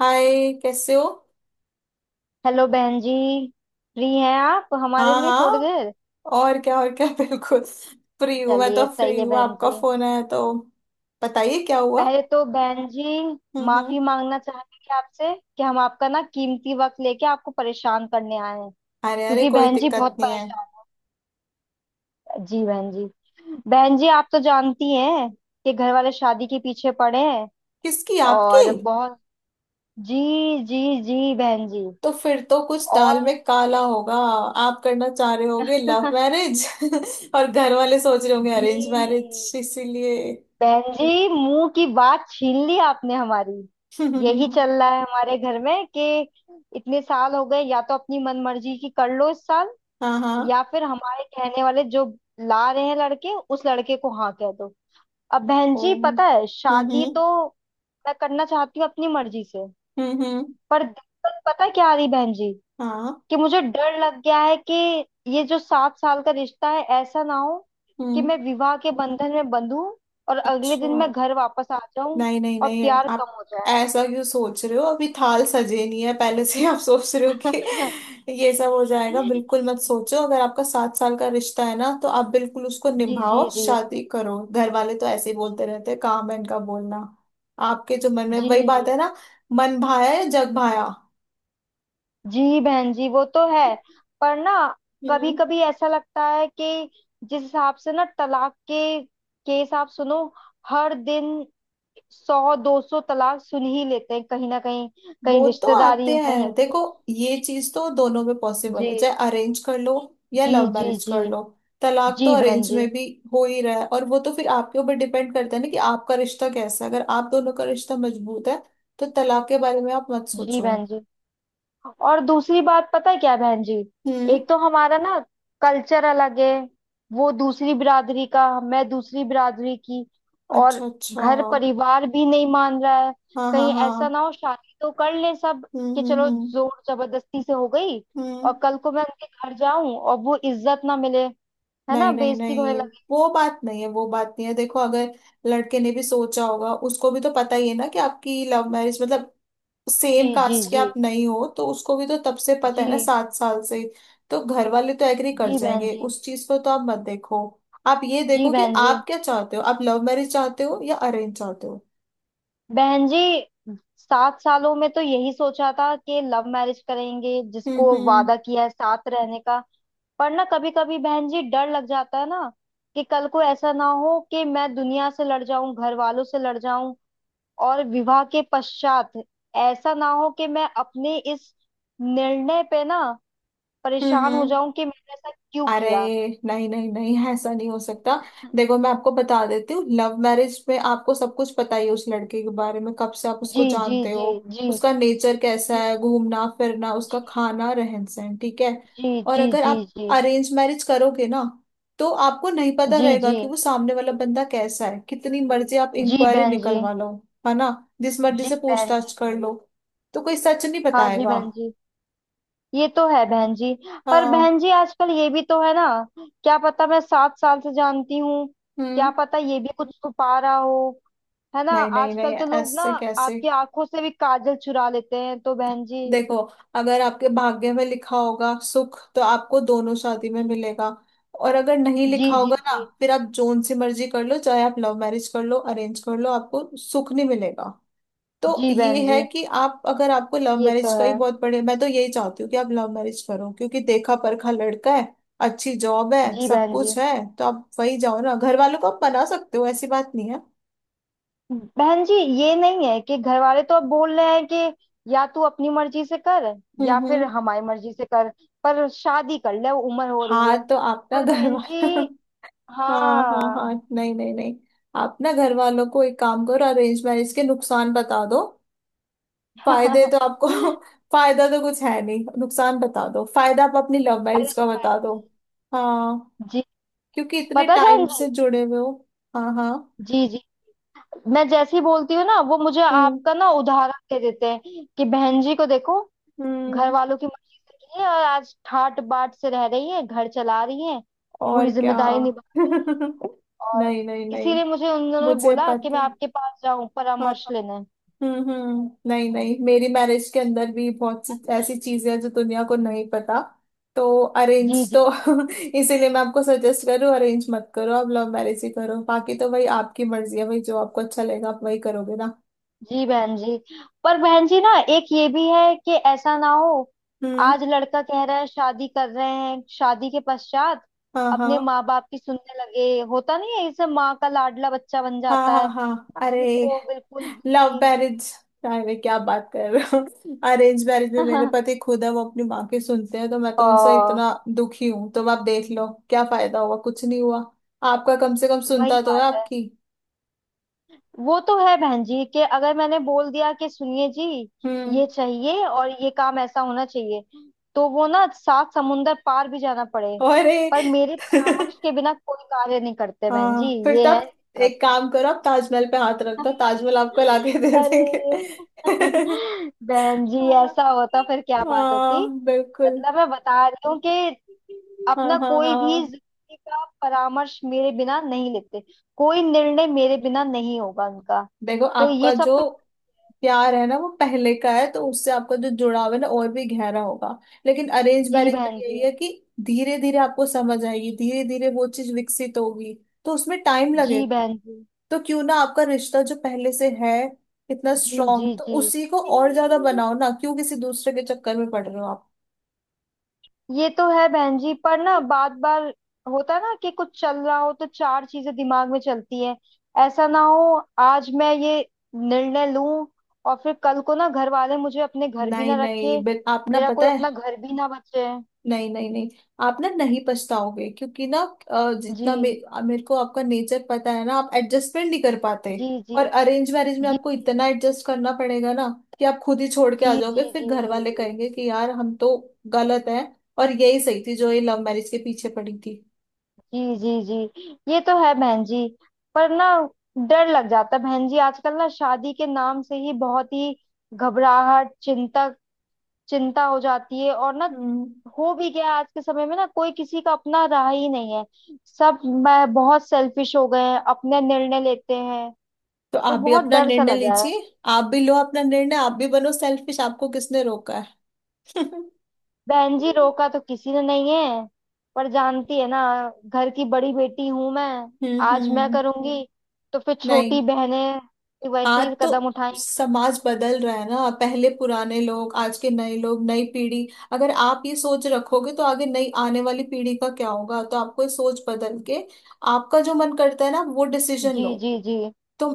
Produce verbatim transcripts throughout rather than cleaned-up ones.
हाय। कैसे हो? हेलो बहन जी। फ्री हैं आप हमारे हाँ लिए थोड़ी हाँ, देर? और क्या, और क्या, बिल्कुल फ्री हूँ। मैं तो चलिए सही फ्री है हूँ, बहन आपका जी। फोन आया तो। बताइए क्या हुआ। पहले तो बहन जी हम्म माफी हम्म। मांगना चाहेंगे आपसे कि हम आपका ना कीमती वक्त लेके आपको परेशान करने आए हैं। अरे अरे, क्योंकि कोई बहन जी दिक्कत बहुत नहीं है। परेशान। जी बहन जी। बहन जी आप तो जानती हैं कि घर वाले शादी के पीछे पड़े हैं किसकी, आपकी? और बहुत। जी। जी जी बहन जी। तो फिर तो कुछ दाल और में काला होगा। आप करना चाह रहे होगे लव मैरिज और घर वाले सोच रहे होंगे जी अरेंज मैरिज, इसीलिए। बहन जी मुंह की बात छीन ली आपने हमारी। यही चल रहा है हमारे घर में कि इतने साल हो गए, या तो अपनी मनमर्जी की कर लो इस साल, हाँ हाँ। या फिर हमारे कहने वाले जो ला रहे हैं लड़के, उस लड़के को हाँ कह दो। अब बहन ओ। जी हम्म पता है, शादी हम्म। तो मैं करना चाहती हूँ अपनी मर्जी से। हम्म हम्म। पर दिक्कत पता क्या आ रही बहन जी, हाँ। कि मुझे डर लग गया है कि ये जो सात साल का रिश्ता है, ऐसा ना हो कि हम्म। मैं विवाह के बंधन में बंधूं और अगले अच्छा। दिन मैं घर वापस आ जाऊं नहीं नहीं और नहीं, प्यार आप कम हो जाए। ऐसा क्यों सोच रहे हो? अभी थाल सजे नहीं है, पहले से आप सोच रहे हो कि ये सब हो जाएगा। बिल्कुल मत सोचो। अगर आपका सात साल का रिश्ता है ना तो आप बिल्कुल उसको जी जी निभाओ, जी शादी करो। घर वाले तो ऐसे ही बोलते रहते हैं, काम है इनका बोलना। आपके जो मन में जी वही बात है ना। मन भाया है जग भाया। जी बहन जी वो तो है। पर ना कभी हम्म। कभी ऐसा लगता है कि जिस हिसाब से ना तलाक के केस आप सुनो, हर दिन सौ दो सौ तलाक सुन ही लेते हैं कहीं ना कहीं, कहीं वो तो रिश्तेदारी आते में, कहीं हैं देखो, कुछ। ये चीज तो दोनों में पॉसिबल जी है, चाहे अरेंज कर लो या जी लव जी। मैरिज जी कर लो। तलाक तो जी बहन अरेंज जी। में भी हो ही रहा है, और वो तो फिर आपके ऊपर डिपेंड करता है ना कि आपका रिश्ता कैसा है। अगर आप दोनों का रिश्ता मजबूत है तो तलाक के बारे में आप मत जी सोचो। बहन जी। और दूसरी बात पता है क्या बहन जी, हम्म। एक तो हमारा ना कल्चर अलग है, वो दूसरी बिरादरी का, मैं दूसरी बिरादरी की। और अच्छा अच्छा, घर हाँ। परिवार भी नहीं मान रहा है। हाँ कहीं ऐसा ना हाँ। हो शादी तो कर ले सब हम्म कि हम्म चलो हम्म जोर जबरदस्ती से हो गई, हम्म। और कल को मैं उनके घर जाऊं और वो इज्जत ना मिले, है ना, नहीं नहीं बेइज्जती होने नहीं, लगे। वो बात नहीं है, वो बात नहीं है। देखो, अगर लड़के ने भी सोचा होगा, उसको भी तो पता ही है ना कि आपकी लव मैरिज मतलब सेम जी जी कास्ट के जी आप नहीं हो, तो उसको भी तो तब से पता है ना जी। सात साल से। तो घर वाले तो एग्री कर जी बहन जाएंगे, जी। उस चीज को तो आप मत देखो। आप ये जी देखो कि बहन जी। आप क्या चाहते हो, आप लव मैरिज चाहते हो या अरेंज चाहते हो। बहन जी सात सालों में तो यही सोचा था कि लव मैरिज करेंगे, हम्म जिसको हम्म वादा किया है साथ रहने का। पर ना कभी कभी बहन जी डर लग जाता है ना, कि कल को ऐसा ना हो कि मैं दुनिया से लड़ जाऊं, घर वालों से लड़ जाऊं, और विवाह के पश्चात ऐसा ना हो कि मैं अपने इस निर्णय पे ना हम्म परेशान हो हम्म। जाऊं कि मैंने ऐसा क्यों अरे किया। नहीं नहीं नहीं, ऐसा नहीं हो सकता। देखो मैं आपको बता देती हूँ, लव मैरिज में आपको सब कुछ पता ही है उस लड़के के बारे में। कब से आप उसको जी जी जानते हो, जी जी उसका नेचर कैसा जी है, घूमना फिरना, उसका खाना, रहन सहन, ठीक है। जी और जी अगर जी जी आप जी अरेंज मैरिज करोगे ना तो आपको नहीं पता जी जी रहेगा कि जी। वो सामने वाला बंदा कैसा है। कितनी मर्जी आप जी इंक्वायरी बहन जी। निकलवा लो, है ना, जिस मर्जी जी से बहन पूछताछ जी। कर लो, तो कोई सच नहीं हाँ जी बताएगा। बहन जी ये तो है बहन जी। पर हाँ। बहन जी आजकल ये भी तो है ना, क्या पता मैं सात साल से जानती हूँ, क्या हम्म। पता ये भी कुछ छुपा रहा हो, है ना। नहीं नहीं आजकल नहीं, तो लोग ना ऐसे कैसे। आपकी आंखों से भी काजल चुरा लेते हैं, तो बहन जी। देखो अगर आपके भाग्य में लिखा होगा सुख तो आपको दोनों शादी में जी मिलेगा, और अगर नहीं जी लिखा जी। होगा ना जी फिर आप जोन सी मर्जी कर लो, चाहे आप लव मैरिज कर लो अरेंज कर लो, आपको सुख नहीं मिलेगा। तो जी बहन ये है जी कि आप, अगर आपको लव ये तो मैरिज का ही है। बहुत बड़े, मैं तो यही चाहती हूँ कि आप लव मैरिज करो, क्योंकि देखा परखा लड़का है, अच्छी जॉब है, जी सब बहन जी। कुछ है। तो आप वही जाओ ना, घर वालों को आप बना सकते हो, ऐसी बात नहीं है। बहन जी ये नहीं है कि घर वाले तो अब बोल रहे हैं कि या तू अपनी मर्जी से कर या हम्म फिर हम्म। हमारी मर्जी से कर, पर शादी कर ले उम्र हो रही हाँ है। तो आप ना पर घर बहन वाला जी। हाँ हाँ हाँ। हाँ, नहीं नहीं नहीं, आप ना घर वालों को एक काम करो, अरेंज मैरिज के नुकसान बता दो। फायदे अरे तो आपको फायदा तो कुछ है नहीं, नुकसान बता दो, फायदा आप अपनी लव मैरिज का बता बहन दो। जी। हाँ, जी। क्योंकि इतने पता है बहन टाइम से जी। जुड़े हुए हो। हाँ हाँ। जी जी। मैं जैसे ही बोलती हूँ ना, वो मुझे हम्म आपका ना उदाहरण दे देते हैं कि बहन जी को देखो, घर हम्म। वालों की मर्जी से की है और आज ठाट बाट से रह रही है, घर चला रही है, और पूरी क्या। जिम्मेदारी निभा रही है। और नहीं नहीं नहीं, इसीलिए मुझे उन दोनों ने मुझे बोला कि पता मैं है। आपके पास जाऊं हाँ। परामर्श लेने। हम्म हम्म। नहीं नहीं, मेरी मैरिज के अंदर भी बहुत सी ऐसी चीजें हैं जो दुनिया को नहीं पता, तो जी अरेंज जी तो जी जी। इसीलिए मैं आपको सजेस्ट करूँ अरेंज मत करो, आप लव मैरिज ही करो। बाकी तो भाई आपकी मर्जी है, भाई जो आपको अच्छा लगेगा आप वही करोगे ना। जी बहन जी। पर बहन जी ना एक ये भी है कि ऐसा ना हो, हम्म। आज लड़का कह रहा है शादी कर रहे हैं, शादी के पश्चात हाँ अपने हाँ माँ बाप की सुनने लगे, होता नहीं है, इसे माँ का लाडला बच्चा बन हाँ। जाता हाँ है, हाँ ये अरे तो बिल्कुल लव भी। मैरिज, अरे क्या बात कर रहे हो। अरेंज मैरिज में मेरे पति खुद है, वो अपनी माँ की सुनते हैं, तो मैं ओ तो उनसे इतना दुखी हूं। तो आप देख लो क्या फायदा हुआ, कुछ नहीं हुआ। आपका कम से कम वही सुनता तो है बात है। आपकी। वो तो है बहन जी, कि अगर मैंने बोल दिया कि सुनिए जी हम्म। ये चाहिए और ये काम ऐसा होना चाहिए, तो वो ना सात समुंदर पार भी जाना पड़े, अरे पर मेरे परामर्श के बिना कोई कार्य नहीं करते बहन जी। हाँ फिर ये है तब इनके साथ। एक काम करो, आप ताजमहल पे हाथ रख दो, ताजमहल आपको लाके दे देंगे। अरे बहन जी हाँ। ऐसा होता फिर क्या बात होती। हाँ, बिल्कुल। मतलब मैं बता रही हूँ कि हाँ अपना हाँ कोई भी हाँ। जिंदगी का परामर्श मेरे बिना नहीं लेते, कोई निर्णय मेरे बिना नहीं होगा उनका। देखो तो ये आपका सब जो तो। प्यार है ना वो पहले का है, तो उससे आपका जो जुड़ाव है ना और भी गहरा होगा। लेकिन अरेंज जी मैरिज में बहन जी। यही है कि धीरे धीरे आपको समझ आएगी, धीरे धीरे वो चीज विकसित होगी, तो उसमें टाइम जी लगेगा। बहन जी। तो क्यों ना आपका रिश्ता जो पहले से है इतना जी स्ट्रांग, जी तो जी। उसी को और ज्यादा बनाओ ना, क्यों किसी दूसरे के चक्कर में पड़ रहे हो आप। ये तो है बहन जी, पर ना बार बार होता है ना कि कुछ चल रहा हो तो चार चीजें दिमाग में चलती हैं। ऐसा ना हो आज मैं ये निर्णय लूं और फिर कल को ना घर वाले मुझे अपने घर भी नहीं ना रखे, नहीं, बिल आप ना मेरा पता कोई है, अपना घर भी ना बचे। नहीं नहीं नहीं, आप ना नहीं पछताओगे, क्योंकि ना अ, जी जितना मे, मेरे को आपका नेचर पता है ना, आप एडजस्टमेंट नहीं कर पाते। जी जी और अरेंज मैरिज में जी आपको इतना एडजस्ट करना पड़ेगा ना कि आप खुद ही छोड़ के जी आ जी जाओगे, फिर जी जी घर जी वाले जी कहेंगे कि यार हम तो गलत हैं, और यही सही थी जो ये लव मैरिज के पीछे पड़ी थी। जी जी जी। ये तो है बहन जी। पर ना डर लग जाता है बहन जी, आजकल ना शादी के नाम से ही बहुत ही घबराहट, चिंता चिंता हो जाती है। और ना हम्म। हो भी गया, आज के समय में ना कोई किसी का अपना रहा ही नहीं है, सब मैं बहुत सेल्फिश हो गए हैं, अपने निर्णय लेते हैं। तो तो आप भी बहुत अपना डर सा निर्णय लगा है। लीजिए, आप भी लो अपना निर्णय, आप भी बनो सेल्फिश, आपको किसने रोका है। हम्म बहन जी रोका तो किसी ने नहीं है, पर जानती है ना, घर की बड़ी बेटी हूं मैं। आज मैं हम्म। करूंगी हम्म। तो फिर नहीं। छोटी बहनें भी वैसे हाँ ही तो कदम उठाएंगी। समाज बदल रहा है ना, पहले पुराने लोग, आज के नए लोग, नई पीढ़ी। अगर आप ये सोच रखोगे तो आगे नई आने वाली पीढ़ी का क्या होगा। तो आपको ये सोच बदल के आपका जो मन करता है ना वो डिसीजन जी लो। जी जी तो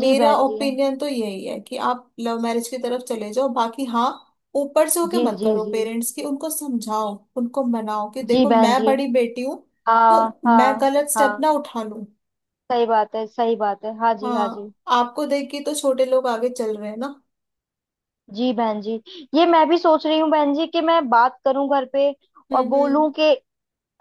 जी बहन जी। ओपिनियन तो यही है कि आप लव मैरिज की तरफ चले जाओ, बाकी हाँ ऊपर से होके जी मत जी करो, जी पेरेंट्स की उनको समझाओ, उनको मनाओ कि जी देखो बहन मैं जी। बड़ी बेटी हूँ, तो हाँ मैं हाँ गलत स्टेप हाँ ना उठा लूं। सही बात है, सही बात है, हाँ जी हाँ जी। हाँ आपको देख के तो छोटे लोग आगे चल रहे हैं ना। जी बहन जी। ये मैं भी सोच रही हूँ बहन जी कि मैं बात करूं घर पे और हम्म हम्म। बोलूं कि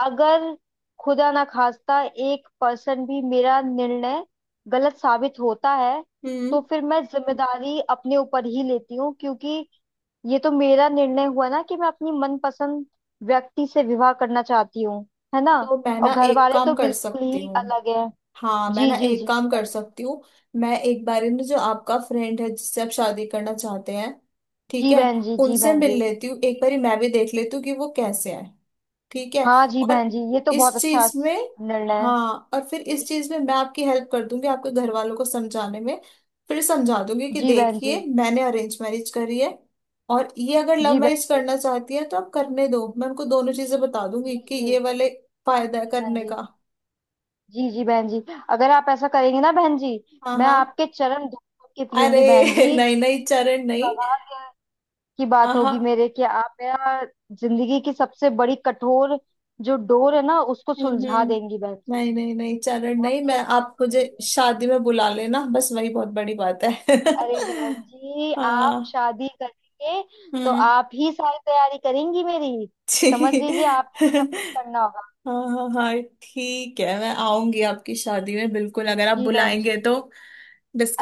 अगर खुदा ना खास्ता एक पर्सन भी मेरा निर्णय गलत साबित होता है, हम्म। तो फिर मैं जिम्मेदारी अपने ऊपर ही लेती हूँ, क्योंकि ये तो मेरा निर्णय हुआ ना कि मैं अपनी मनपसंद व्यक्ति से विवाह करना चाहती हूँ, है ना। तो मैं और ना घर एक वाले तो काम कर बिल्कुल सकती ही हूँ, अलग है। हाँ मैं जी ना जी जी एक काम कर बताइए। सकती हूँ। मैं एक बार ना जो आपका फ्रेंड है जिससे आप शादी करना चाहते हैं, ठीक जी है, बहन जी। जी उनसे बहन मिल जी। लेती हूँ, एक बारी मैं भी देख लेती हूँ कि वो कैसे है, ठीक है। हाँ जी और बहन जी ये तो बहुत इस अच्छा चीज में, निर्णय है। हाँ और फिर इस जी चीज में मैं आपकी हेल्प कर दूंगी आपके घर वालों को समझाने में। फिर समझा दूंगी कि जी बहन जी। देखिए मैंने अरेंज मैरिज करी है, और ये अगर लव जी मैरिज बहन करना चाहती है तो आप करने दो। मैं उनको दोनों चीजें बता जी। दूंगी जी कि जी। ये वाले हाँ फायदा है जी बहन करने जी। का। जी जी बहन जी। अगर आप ऐसा करेंगे ना बहन जी, हाँ मैं हाँ। आपके चरण धो धो के अरे पीऊंगी बहन जी। नहीं नहीं चरण नहीं, कहाँ क्या की हाँ बात हाँ होगी मेरे कि आप मेरा जिंदगी की सबसे बड़ी कठोर जो डोर है ना उसको हम्म सुलझा हम्म, देंगी बहन जी। नहीं नहीं नहीं चरण बहुत नहीं, ही मैं आप अच्छा होगा मुझे मेरे लिए। शादी में बुला लेना बस, वही बहुत बड़ी बात है। अरे बहन जी आप हाँ। शादी करेंगे तो हम्म। आप ही सारी तैयारी करेंगी मेरी, समझ ठीक। लीजिए आप ही को सब कुछ करना होगा। हाँ हाँ हाँ, ठीक है मैं आऊंगी आपकी शादी में बिल्कुल, अगर आप जी बहन जी। बुलाएंगे तो।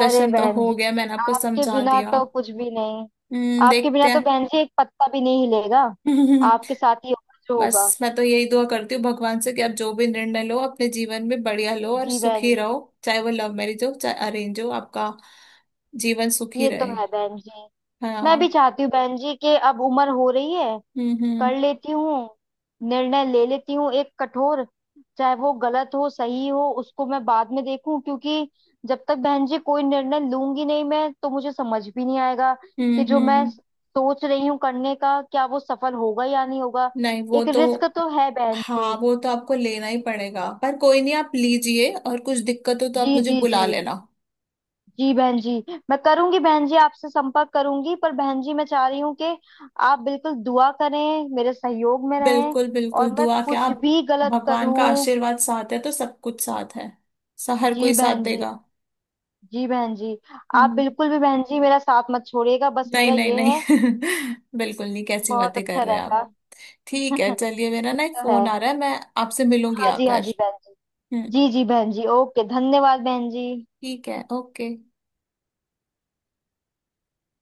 अरे तो बहन हो जी गया, मैंने आपको आपके समझा बिना दिया। तो कुछ भी नहीं। हम्म आपके बिना देखते तो बहन जी एक पत्ता भी नहीं हिलेगा। हैं। आपके साथ ही होगा जो होगा। बस मैं तो यही दुआ करती हूँ भगवान से कि आप जो भी निर्णय लो अपने जीवन में बढ़िया लो और जी बहन सुखी जी। रहो, चाहे वो लव मैरिज हो चाहे अरेंज हो, आपका जीवन सुखी ये तो रहे। है बहन जी। मैं भी हाँ। चाहती हूँ बहन जी कि अब उम्र हो रही है, हम्म हम्म। कर लेती हूँ, निर्णय ले लेती हूँ एक कठोर, चाहे वो गलत हो सही हो उसको मैं बाद में देखूं, क्योंकि जब तक बहन जी कोई निर्णय लूंगी नहीं मैं तो मुझे समझ भी नहीं आएगा हम्म कि जो मैं हम्म। सोच रही हूँ करने का क्या वो सफल होगा या नहीं होगा। नहीं वो एक तो, रिस्क तो है बहन जी। हाँ वो तो आपको लेना ही पड़ेगा, पर कोई नहीं आप लीजिए, और कुछ दिक्कत हो तो आप जी मुझे जी जी। बुला लेना। जी बहन जी। मैं करूंगी बहन जी आपसे संपर्क करूंगी, पर बहन जी मैं चाह रही हूँ कि आप बिल्कुल दुआ करें, मेरे सहयोग में रहें, बिल्कुल बिल्कुल, और मैं दुआ क्या, कुछ आप भी गलत भगवान का करूं। आशीर्वाद साथ है तो सब कुछ साथ है। सा हर जी कोई साथ बहन जी। देगा। जी बहन जी। आप हम्म। बिल्कुल भी बहन जी मेरा साथ मत छोड़िएगा, बस नहीं मेरा नहीं ये नहीं, है। बिल्कुल नहीं, कैसी बहुत बातें कर अच्छा रहे हैं रहेगा। आप। ठीक है चलिए, मेरा ये ना एक तो फोन है। आ रहा है, मैं आपसे मिलूंगी हाँ जी हाँ आकर। जी बहन जी। हम्म। जी जी बहन जी, ओके धन्यवाद बहन जी। ठीक है, ओके।